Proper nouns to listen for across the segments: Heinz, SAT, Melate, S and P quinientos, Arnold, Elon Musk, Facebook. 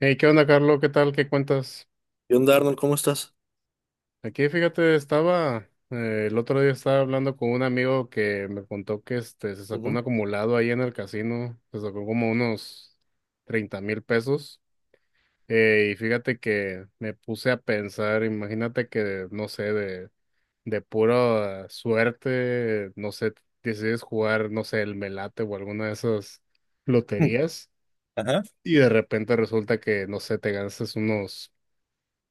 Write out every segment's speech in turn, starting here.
Hey, ¿qué onda, Carlos? ¿Qué tal? ¿Qué cuentas? ¿Qué onda, Arnold? ¿Cómo estás? Aquí, fíjate, estaba, el otro día estaba hablando con un amigo que me contó que se sacó un Ujú. acumulado ahí en el casino, se sacó como unos 30,000 pesos. Y fíjate que me puse a pensar, imagínate que, no sé, de pura suerte, no sé, decides jugar, no sé, el Melate o alguna de esas Mm. loterías. Ajá. Y de repente resulta que, no sé, te ganas unos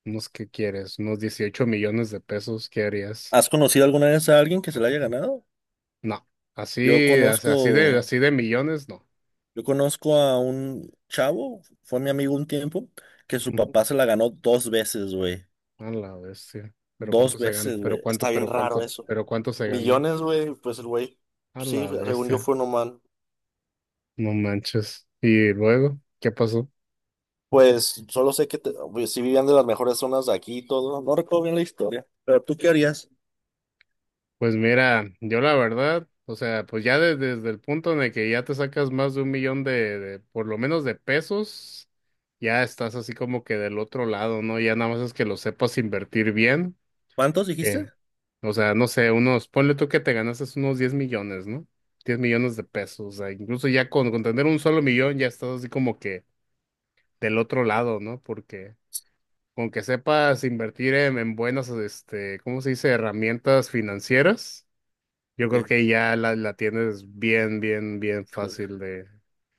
Unos que quieres, unos 18 millones de pesos, ¿qué harías? ¿Has conocido alguna vez a alguien que se la haya ganado? No, Yo así, conozco, así de millones, no. yo conozco a un chavo, fue mi amigo un tiempo, que su Ujú. papá se la ganó dos veces, güey. A la bestia. Pero cuánto Dos se ganó, veces, pero güey. cuánto, Está bien pero raro cuánto, eso. pero cuánto se ganó. Millones, güey, pues el güey, A la sí, según yo bestia. fue un humano. No manches. Y luego, ¿qué pasó? Pues solo sé que pues, sí vivían de las mejores zonas de aquí y todo. No recuerdo bien la historia. ¿Pero tú qué harías? Pues mira, yo la verdad, o sea, pues ya desde el punto en el que ya te sacas más de un millón por lo menos de pesos, ya estás así como que del otro lado, ¿no? Ya nada más es que lo sepas invertir bien. ¿Cuántos dijiste? Que, o sea, no sé, unos, ponle tú que te ganaste unos 10 millones, ¿no? 10 millones de pesos, o sea, incluso ya con tener un solo millón ya estás así como que del otro lado, ¿no? Porque con que sepas invertir en buenas, ¿cómo se dice? Herramientas financieras, yo creo Sí. que ya la tienes bien, bien, bien Híjole. fácil de...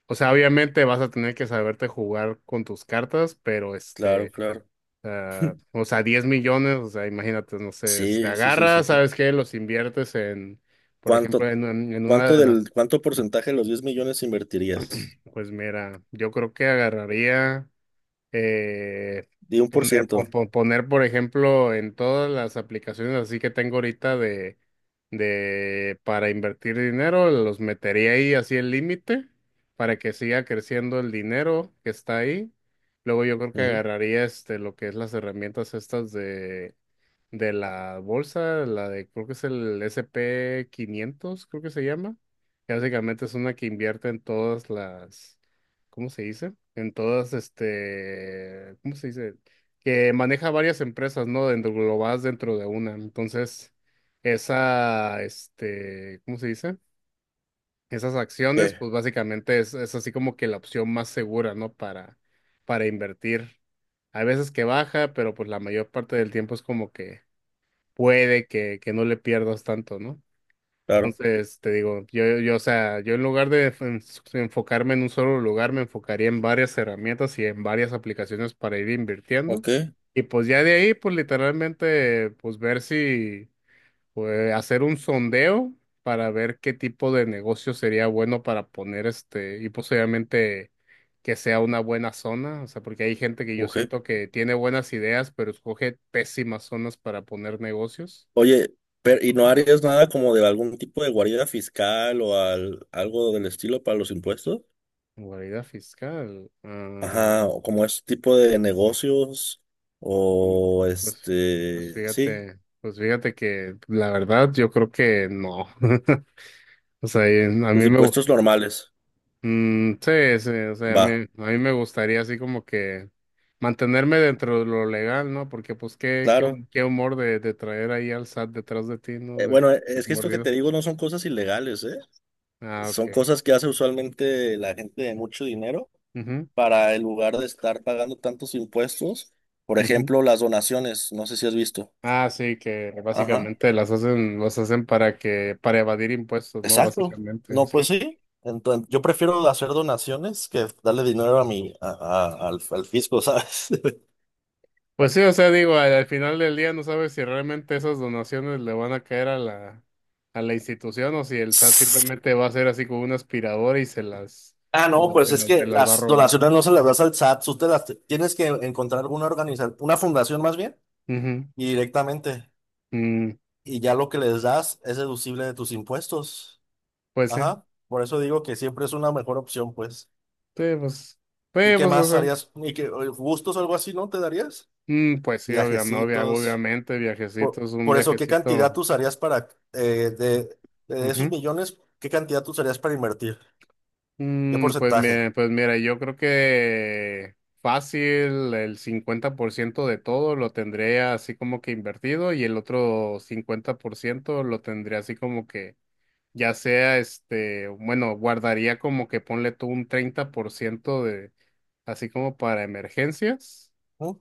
O sea, obviamente vas a tener que saberte jugar con tus cartas, pero Claro, claro. sea, o sea, 10 millones, o sea, imagínate, no sé, te Sí, sí, sí, sí, agarras, sí. ¿sabes qué? Los inviertes en, por ejemplo, ¿Cuánto? En una ¿Cuánto de las... cuánto porcentaje de los 10 millones invertirías? Pues mira, yo creo que agarraría, eh, Di un por ciento. Poner, por ejemplo, en todas las aplicaciones así que tengo ahorita para invertir dinero, los metería ahí así el límite para que siga creciendo el dinero que está ahí. Luego yo creo que Mm. agarraría lo que es las herramientas estas de la bolsa, la de, creo que es el S&P 500 creo que se llama, que básicamente es una que invierte en todas las, ¿cómo se dice? En todas, ¿cómo se dice? Que maneja varias empresas, ¿no? Dentro, globales dentro de una. Entonces, esa, ¿cómo se dice? Esas acciones, ¿Qué? pues básicamente es así como que la opción más segura, ¿no? Para invertir. Hay veces que baja, pero pues la mayor parte del tiempo es como que puede que no le pierdas tanto, ¿no? Claro. Entonces, te digo, yo, o sea, yo en lugar de enfocarme en un solo lugar, me enfocaría en varias herramientas y en varias aplicaciones para ir invirtiendo. Ok, Y pues ya de ahí, pues literalmente, pues ver si, pues hacer un sondeo para ver qué tipo de negocio sería bueno para poner y posiblemente que sea una buena zona, o sea, porque hay gente que yo ok. siento que tiene buenas ideas, pero escoge pésimas zonas para poner negocios. Oye, pero ¿y no harías nada como de algún tipo de guarida fiscal o algo del estilo para los impuestos? Guarida fiscal. Ah, Ajá, o como ese tipo de negocios mm, o pues, este, sí, pues fíjate que la verdad yo creo que no. O sea, y a los mí me, impuestos normales. mm, sí, sí, o sea, Va, a mí me gustaría así como que mantenerme dentro de lo legal, ¿no? Porque pues qué, qué, claro. qué humor de traer ahí al SAT detrás de ti, ¿no? Bueno, De es que esto que mordido. te digo no son cosas ilegales, ¿eh? Ah, Son ok. cosas que hace usualmente la gente de mucho dinero Ujú, para, en lugar de estar pagando tantos impuestos, por ujú. ejemplo, las donaciones, no sé si has visto. Ah, sí, que Ajá, básicamente las hacen para que, para evadir impuestos, ¿no? exacto. Básicamente. No, Sí, pues sí. Entonces, yo prefiero hacer donaciones que darle dinero a mi, a- al, al fisco, ¿sabes? pues sí, o sea, digo, al, al final del día no sabes si realmente esas donaciones le van a caer a la institución o si el SAT simplemente va a ser así como una aspiradora y se las, Ah, se no, las, se pues es las, se que las va a las robar. donaciones no se las das al SAT, tú te las tienes que encontrar una organización, una fundación más bien, Ujú. y directamente, Mm, y ya lo que les das es deducible de tus impuestos. pues sí, Ajá, por eso digo que siempre es una mejor opción, pues. sí, pues, ¿Y sí, qué pues, o más sea, harías? ¿Y qué gustos o algo así, no te darías? mm, pues sí, obviamente, Viajecitos. obviamente, viajecito es un Por eso, ¿qué cantidad viajecito. tú usarías para, eh, de, de esos Ujú. millones, qué cantidad tú usarías para invertir? ¿Qué Mm, pues, porcentaje? me pues mira, yo creo que fácil el 50% de todo lo tendré así como que invertido y el otro 50% lo tendré así como que ya sea bueno, guardaría como que ponle tú un 30% de así como para emergencias Ujú,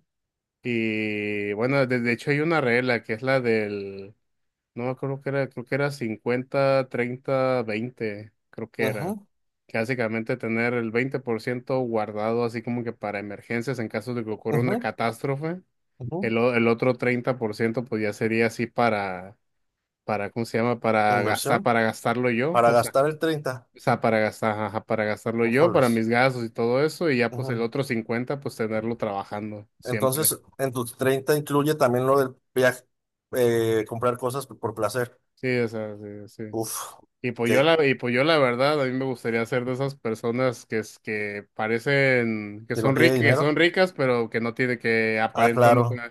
y bueno, de hecho hay una regla que es la del, no creo que era, creo que era 50 30 20 creo que era. ujú, Básicamente tener el 20% guardado así como que para emergencias en caso de que ocurra una ujú, catástrofe. ujú. El, el otro 30% pues ya sería así para, ¿cómo se llama? Para gastar, Inversión para gastarlo yo. para gastar el treinta. O sea, para gastar, ajá, para gastarlo yo, para Ujoles. mis gastos y todo eso. Y ya pues el Ujú. otro 50% pues tenerlo trabajando siempre. Entonces, en tus 30 incluye también lo del viaje, comprar cosas por placer. Sí, o sea, sí, sí. Uf, Y ok. pues yo la, y pues yo la verdad, a mí me gustaría ser de esas personas que es que parecen, ¿Que no tiene que son dinero? ricas, pero que no tiene que Ah, aparentando. claro.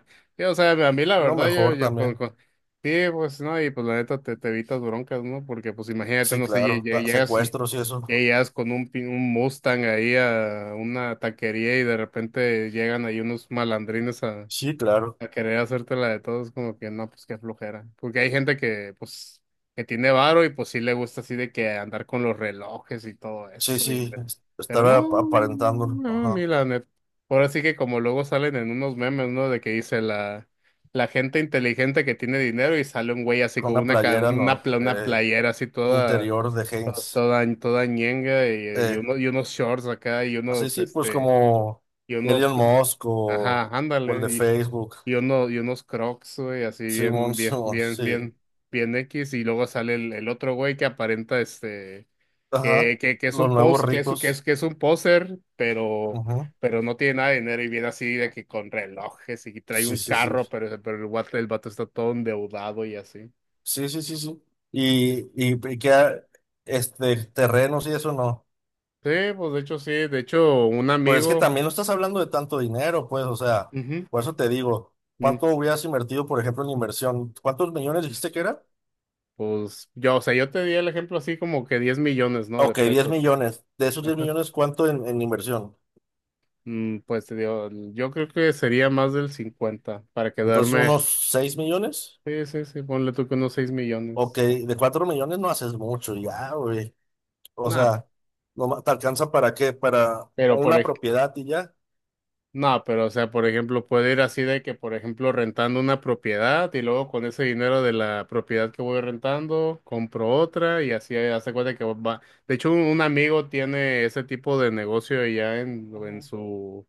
O sea, a mí la No, verdad, yo, mejor yo también. Sí, pues no, y pues la neta te, te evitas broncas, ¿no? Porque pues imagínate, Sí, no sé, claro. Llegas, Secuestros y eso. llegas con un, un Mustang ahí a una taquería y de repente llegan ahí unos malandrines Sí, claro. a querer hacerte la de todos, como que no, pues qué flojera. Porque hay gente que, pues, que tiene varo y pues sí le gusta así de que andar con los relojes y todo Sí, eso. Sí. Pero Estar no, aparentando. no, Ajá. ni la neta. Ahora sí que como luego salen en unos memes, ¿no? De que dice la, la gente inteligente que tiene dinero y sale un güey así Con con una una, playera una, no, una playera así toda, interior de toda, Heinz. toda, toda ñenga y, Eh, y unos shorts acá y así unos, sí, pues como y unos, Elon Musk ajá, o el de ándale. Facebook. Y uno, y unos crocs, güey, así Simón, bien, bien, Simón, bien, sí. bien, bien X, y luego sale el otro güey que aparenta Ajá. Que es Los un nuevos pos, que es, que es, ricos. que es un poser, Ujú. pero no tiene nada de dinero y viene así de que con relojes y trae Sí, un sí, sí. carro, pero el vato está todo endeudado y así. Sí, sí, sí, sí, sí. Y que este terrenos y eso no. Sí, pues de hecho sí, de hecho un Pero es que amigo, también no estás hablando de tanto dinero, pues, o sea, ujú, por eso te digo, mm, ¿cuánto hubieras invertido, por ejemplo, en inversión? ¿Cuántos millones dijiste que era? pues yo, o sea, yo te di el ejemplo así como que 10 millones, ¿no? De Ok, 10 pesos. millones. De esos 10 millones, ¿cuánto en inversión? Mm, pues te digo, yo creo que sería más del 50 para Entonces, quedarme. unos 6 millones. Sí, sí, sí, ponle tú que unos 6 Ok, millones. de 4 millones no haces mucho, ya, güey. O Nada, sea, no ma- te alcanza para qué, para pero por una ej- propiedad y ya. nah, pero o sea, por ejemplo, puede ir así de que, por ejemplo, rentando una propiedad y luego con ese dinero de la propiedad que voy rentando, compro otra y así hace cuenta que va. De hecho, un amigo tiene ese tipo de negocio allá Ujú,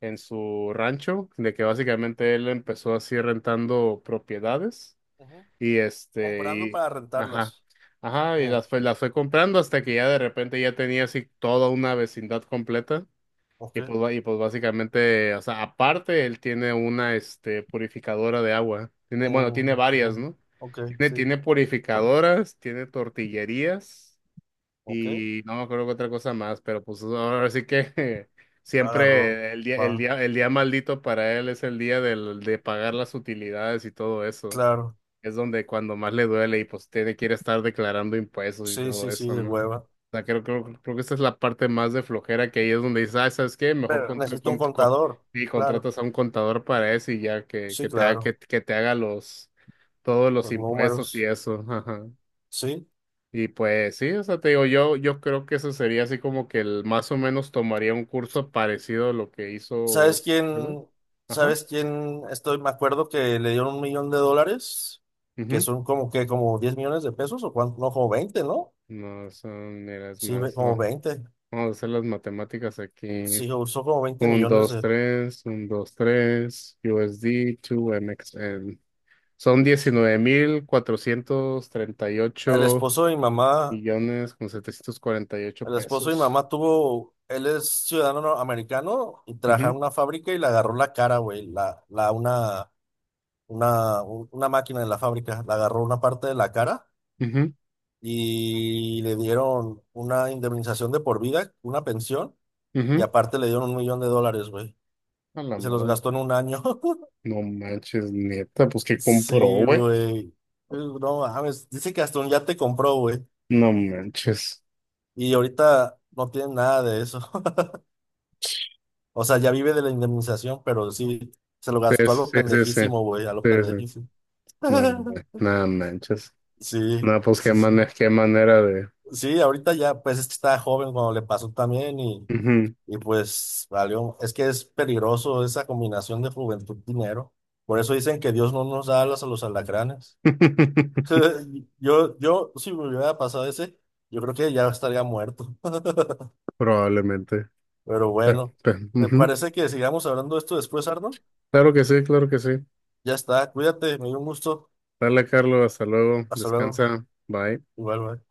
en su rancho, de que ujú, básicamente él empezó así rentando propiedades. ujú. Y este, Comprando y, para ajá, rentarlas. ajá, y Uh, las fue comprando hasta que ya de repente ya tenía así toda una vecindad completa. ok. Y pues, y pues básicamente, o sea, aparte él tiene una, purificadora de agua. Tiene, bueno, tiene Mm, varias, ujú. ¿no? Ok, Tiene, sí. tiene purificadoras, tiene tortillerías Ok. y no me acuerdo qué otra cosa más, pero pues ahora sí que Agarró. siempre el día, el Va. día, el día maldito para él es el día de pagar las utilidades y todo Claro. es donde cuando más le duele y pues tiene que ir a estar declarando impuestos y Sí, todo sí, sí, eso, de ¿no? O hueva. sea, creo, creo, creo que esta es la parte más de flojera que ahí es donde dices, ah, ¿sabes qué? Mejor Pero necesito un contador. y Claro. contratas a un contador para eso y ya Sí, claro. Que te haga los, todos los Los impuestos y números. eso, ajá. Sí. Y pues sí, o sea, te digo, yo creo que eso sería así como que el más o menos tomaría un curso parecido a lo que hizo ¿Sabes este güey. quién? Ajá. ¿Sabes quién? Estoy, me acuerdo que le dieron $1 millón, que Ujú. son como que como 10 millones de pesos o cuánto, no, como 20, ¿no? No, son, mira, es Sí, más. como 20. Vamos a hacer las matemáticas aquí. Sí, usó como 20 1, millones 2, de... 3, 1, 2, 3, USD, 2MXN. Son diecinueve mil cuatrocientos treinta y El ocho esposo de mi mamá, millones con 748 el esposo de mi pesos. mamá tuvo, él es ciudadano americano y trabajaba en Ujú, una fábrica y le agarró la cara, güey, una, una máquina de la fábrica, le agarró una parte de la cara ujú, y le dieron una indemnización de por vida, una pensión. Y ujú. aparte le dieron $1 millón, güey. A la Y se los madre. gastó en un año. No manches, neta, pues que compró, Sí, güey. güey. No mames. Dice que hasta un yate compró, güey. No manches. Y ahorita no tiene nada de eso. O sea, ya vive de la indemnización, pero sí, se lo Sí, gastó a lo sí, sí, sí. pendejísimo, güey, a lo Sí, sí. pendejísimo. No manches. Sí, No, pues sí, sí. Qué manera de. Sí, ahorita ya, pues es que estaba joven cuando le pasó también Ujú. y pues valió. Es que es peligroso esa combinación de juventud y dinero. Por eso dicen que Dios no nos da alas a los alacranes. Si me hubiera pasado ese, yo creo que ya estaría muerto. Probablemente. Pero Pe- bueno, ¿te ujú. parece que sigamos hablando de esto después, Arno? Claro que sí, claro que sí. Ya está, cuídate, me dio un gusto. Dale, Carlos, hasta luego. Hasta luego. Descansa. Bye. Igual, bye.